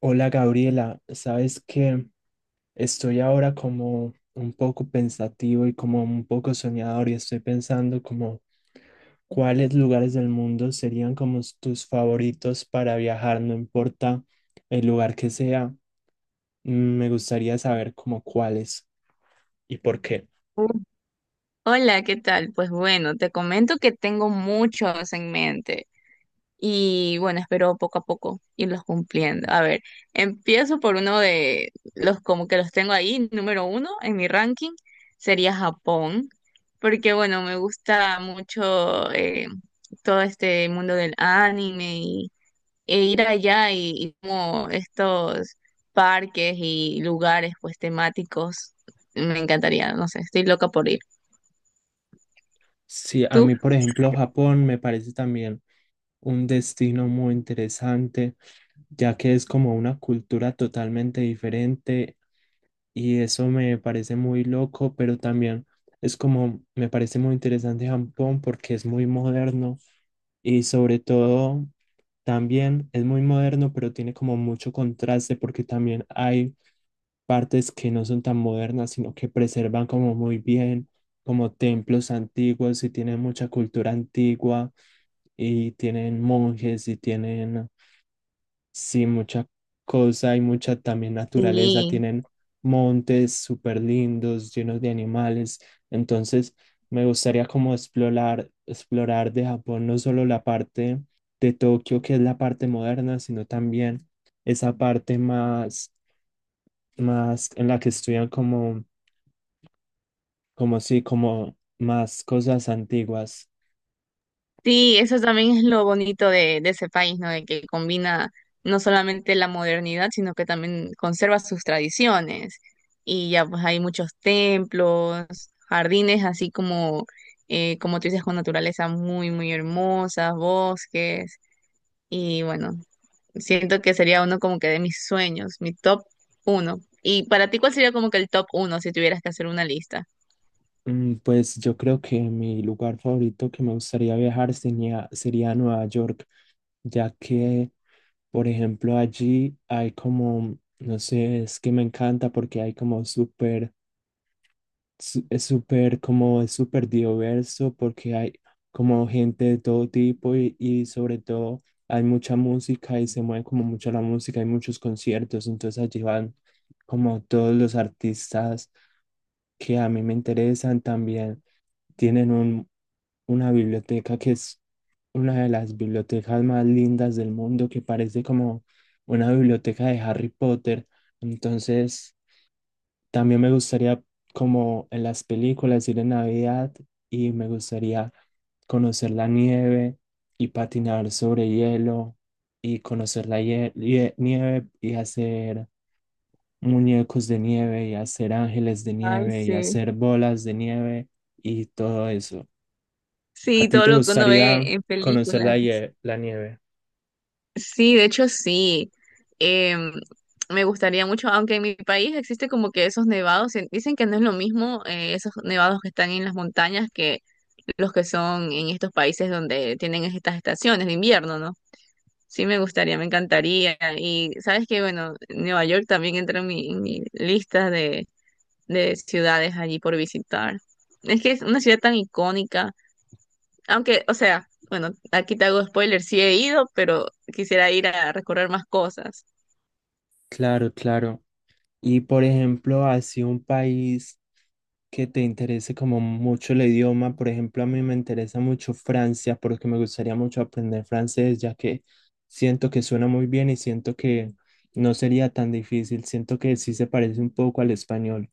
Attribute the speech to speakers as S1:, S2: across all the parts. S1: Hola Gabriela, sabes que estoy ahora como un poco pensativo y como un poco soñador y estoy pensando como cuáles lugares del mundo serían como tus favoritos para viajar, no importa el lugar que sea, mm, me gustaría saber como cuáles y por qué.
S2: Uh, Hola, ¿qué tal? Pues bueno, te comento que tengo muchos en mente y bueno, espero poco a poco irlos cumpliendo. A ver, empiezo por uno de los como que los tengo ahí, número uno en mi ranking sería Japón, porque bueno, me gusta mucho todo este mundo del anime y e ir allá y como estos parques y lugares pues temáticos, me encantaría, no sé, estoy loca por ir.
S1: Sí, a
S2: ¿Tú?
S1: mí por ejemplo Japón me parece también un destino muy interesante, ya que es como una cultura totalmente diferente y eso me parece muy loco, pero también es como, me parece muy interesante Japón porque es muy moderno y sobre todo también es muy moderno, pero tiene como mucho contraste porque también hay partes que no son tan modernas, sino que preservan como muy bien, como templos antiguos y tienen mucha cultura antigua y tienen monjes y tienen, sí, mucha cosa y mucha también naturaleza.
S2: Sí,
S1: Tienen montes súper lindos, llenos de animales. Entonces, me gustaría como explorar de Japón no solo la parte de Tokio, que es la parte moderna, sino también esa parte más, más en la que estudian como, como sí, como más cosas antiguas.
S2: sí, eso también es lo bonito de ese país, ¿no? De que combina no solamente la modernidad, sino que también conserva sus tradiciones. Y ya pues hay muchos templos, jardines, así como, como tú dices, con naturaleza muy, muy hermosa, bosques. Y bueno, siento que sería uno como que de mis sueños, mi top uno. Y para ti, ¿cuál sería como que el top uno si tuvieras que hacer una lista?
S1: Pues yo creo que mi lugar favorito que me gustaría viajar sería Nueva York, ya que, por ejemplo, allí hay como, no sé, es que me encanta porque hay como súper, es súper, como es súper diverso porque hay como gente de todo tipo y sobre todo hay mucha música y se mueve como mucho la música, hay muchos conciertos, entonces allí van como todos los artistas que a mí me interesan también, tienen un, una biblioteca que es una de las bibliotecas más lindas del mundo, que parece como una biblioteca de Harry Potter. Entonces, también me gustaría, como en las películas, ir en Navidad y me gustaría conocer la nieve y patinar sobre hielo y conocer la nieve y hacer muñecos de nieve y hacer ángeles de
S2: Ay,
S1: nieve y
S2: sí.
S1: hacer bolas de nieve y todo eso. ¿A
S2: Sí,
S1: ti
S2: todo
S1: te
S2: lo que uno ve
S1: gustaría
S2: en
S1: conocer la,
S2: películas.
S1: la nieve?
S2: Sí, de hecho sí. Em, Me gustaría mucho, aunque en mi país existe como que esos nevados, dicen que no es lo mismo esos nevados que están en las montañas que los que son en estos países donde tienen estas estaciones de invierno, ¿no? Sí, me gustaría, me encantaría. Y sabes que, bueno, Nueva York también entra en mi lista de ciudades allí por visitar. Es que es una ciudad tan icónica aunque, o sea, bueno, aquí te hago spoiler, sí he ido, pero quisiera ir a recorrer más cosas.
S1: Claro, claro. Y por ejemplo, así un país que te interese como mucho el idioma, por ejemplo, a mí me interesa mucho Francia porque me gustaría mucho aprender francés, ya que siento que suena muy bien y siento que no sería tan difícil, siento que sí se parece un poco al español.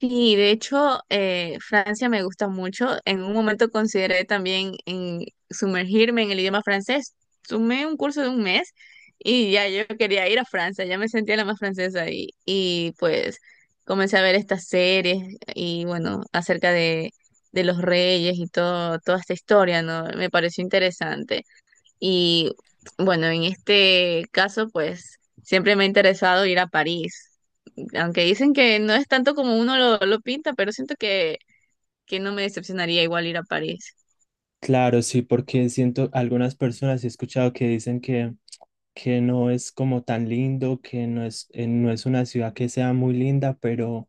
S2: Sí, de hecho, Francia me gusta mucho. En un momento consideré también en sumergirme en el idioma francés. Sumé un curso de un mes y ya yo quería ir a Francia, ya me sentía la más francesa y pues comencé a ver estas series y bueno, acerca de los reyes y todo, toda esta historia, ¿no? Me pareció interesante. Y bueno, en este caso, pues siempre me ha interesado ir a París. Aunque dicen que no es tanto como uno lo pinta, pero siento que no me decepcionaría igual ir a París.
S1: Claro, sí, porque siento algunas personas he escuchado que dicen que no es como tan lindo, que no es, no es una ciudad que sea muy linda, pero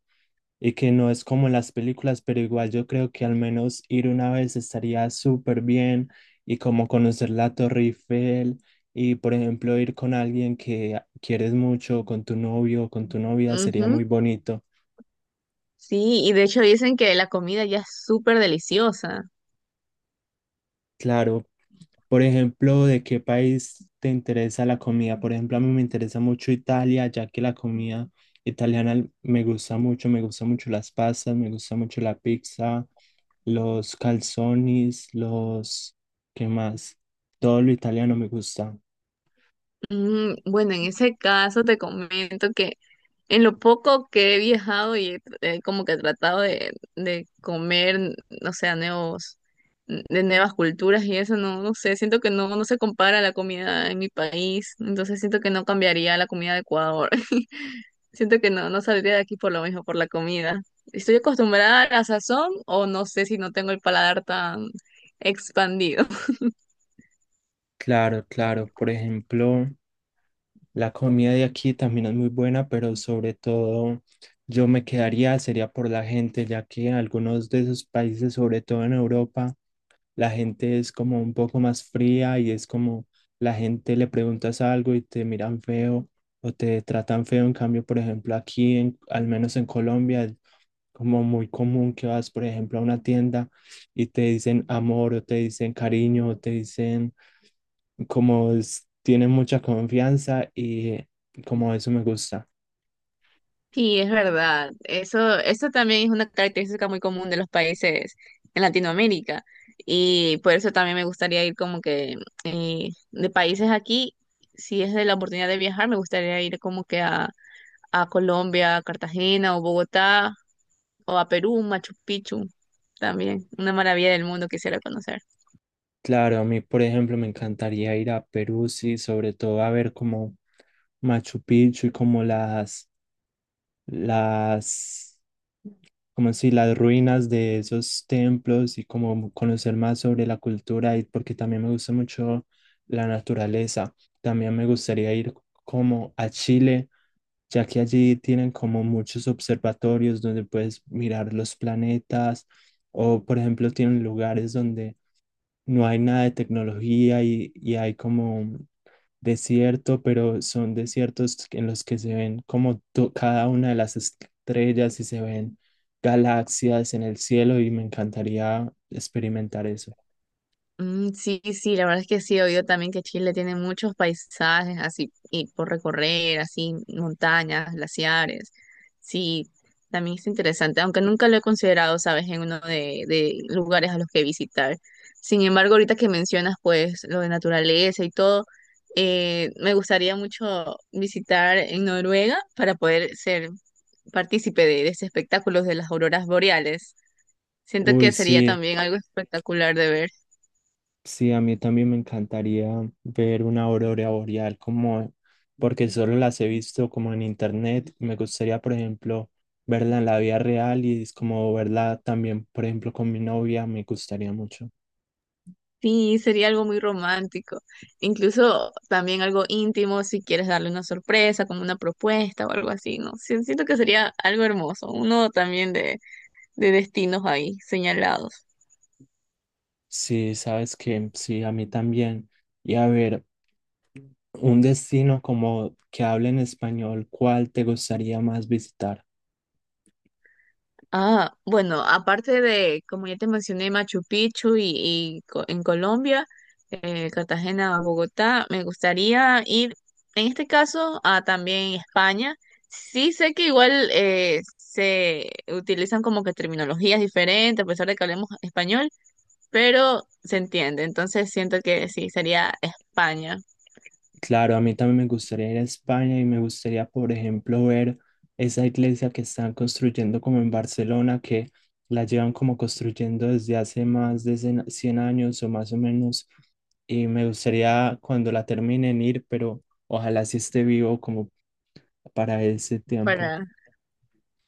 S1: y que no es como en las películas, pero igual yo creo que al menos ir una vez estaría súper bien y como conocer la Torre Eiffel y por ejemplo ir con alguien que quieres mucho, con tu novio o con tu novia, sería
S2: Ujú,
S1: muy bonito.
S2: sí, y de hecho dicen que la comida ya es súper deliciosa.
S1: Claro, por ejemplo, ¿de qué país te interesa la comida? Por ejemplo, a mí me interesa mucho Italia, ya que la comida italiana me gusta mucho las pastas, me gusta mucho la pizza, los calzones, los... ¿Qué más? Todo lo italiano me gusta.
S2: Mm, bueno, en ese caso te comento que en lo poco que he viajado y he como que he tratado de comer, o sea, nuevos, de nuevas culturas y eso, no, no sé, siento que no, no se compara la comida en mi país, entonces siento que no cambiaría la comida de Ecuador. Siento que no, no saldría de aquí por lo mismo, por la comida. Estoy acostumbrada a la sazón o no sé si no tengo el paladar tan expandido.
S1: Claro, claro. Por ejemplo, la comida de aquí también es muy buena, pero sobre todo yo me quedaría, sería por la gente, ya que algunos de esos países, sobre todo en Europa, la gente es como un poco más fría y es como la gente le preguntas algo y te miran feo o te tratan feo. En cambio, por ejemplo, aquí, al menos en Colombia, es como muy común que vas, por ejemplo, a una tienda y te dicen amor o te dicen cariño o te dicen como tiene mucha confianza y como eso me gusta.
S2: Sí, es verdad. Eso también es una característica muy común de los países en Latinoamérica. Y por eso también me gustaría ir como que de países aquí, si es de la oportunidad de viajar, me gustaría ir como que a Colombia, a Cartagena o Bogotá o a Perú, Machu Picchu también. Una maravilla del mundo quisiera conocer.
S1: Claro, a mí, por ejemplo, me encantaría ir a Perú, sí, sobre todo a ver como Machu Picchu y como las, como si las ruinas de esos templos y como conocer más sobre la cultura y porque también me gusta mucho la naturaleza. También me gustaría ir como a Chile, ya que allí tienen como muchos observatorios donde puedes mirar los planetas o por ejemplo tienen lugares donde no hay nada de tecnología y hay como desierto, pero son desiertos en los que se ven como cada una de las estrellas y se ven galaxias en el cielo y me encantaría experimentar eso.
S2: Mm, sí, sí, la verdad es que sí, he oído también que Chile tiene muchos paisajes así y por recorrer, así montañas, glaciares. Sí, también es interesante, aunque nunca lo he considerado, sabes, en uno de lugares a los que visitar. Sin embargo, ahorita que mencionas pues lo de naturaleza y todo, me gustaría mucho visitar en Noruega para poder ser partícipe de ese espectáculo de las auroras boreales. Siento
S1: Uy,
S2: que sería
S1: sí.
S2: también algo espectacular de ver.
S1: Sí, a mí también me encantaría ver una aurora boreal como, porque solo las he visto como en internet. Me gustaría, por ejemplo, verla en la vida real y es como verla también, por ejemplo, con mi novia, me gustaría mucho.
S2: Sí, sería algo muy romántico, incluso también algo íntimo si quieres darle una sorpresa, como una propuesta o algo así, ¿no? Sí, siento que sería algo hermoso, uno también de destinos ahí señalados.
S1: Sí, sabes que sí, a mí también. Y a ver, un destino como que hable en español, ¿cuál te gustaría más visitar?
S2: Ah, bueno, aparte de, como ya te mencioné, Machu Picchu y, en Colombia, Cartagena, Bogotá, me gustaría ir, en este caso, a también España. Sí sé que igual se utilizan como que terminologías diferentes, a pesar de que hablemos español, pero se entiende. Entonces siento que sí, sería España
S1: Claro, a mí también me gustaría ir a España y me gustaría, por ejemplo, ver esa iglesia que están construyendo como en Barcelona, que la llevan como construyendo desde hace más de 100 años o más o menos. Y me gustaría cuando la terminen ir, pero ojalá sí esté vivo como para ese tiempo.
S2: para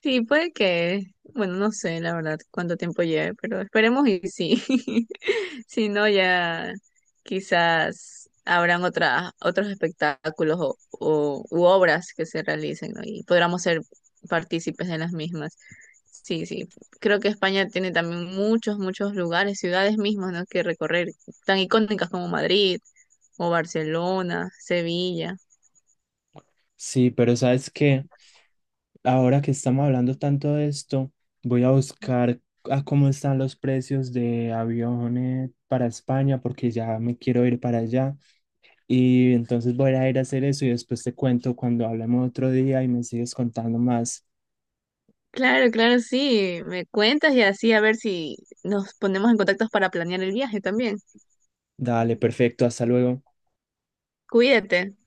S2: sí, puede que, bueno, no sé la verdad cuánto tiempo lleve, pero esperemos y sí. Si no, ya quizás habrán otras, otros espectáculos o, u obras que se realicen, ¿no? Y podremos ser partícipes de las mismas. Sí, sí. Creo que España tiene también muchos, muchos lugares, ciudades mismas, ¿no? que recorrer, tan icónicas como Madrid o Barcelona, Sevilla.
S1: Sí, pero sabes que ahora que estamos hablando tanto de esto, voy a buscar a cómo están los precios de aviones para España porque ya me quiero ir para allá. Y entonces voy a ir a hacer eso y después te cuento cuando hablemos otro día y me sigues contando más.
S2: Claro, claro, sí. Me cuentas y así a ver si nos ponemos en contacto para planear el viaje también.
S1: Dale, perfecto, hasta luego.
S2: Cuídate.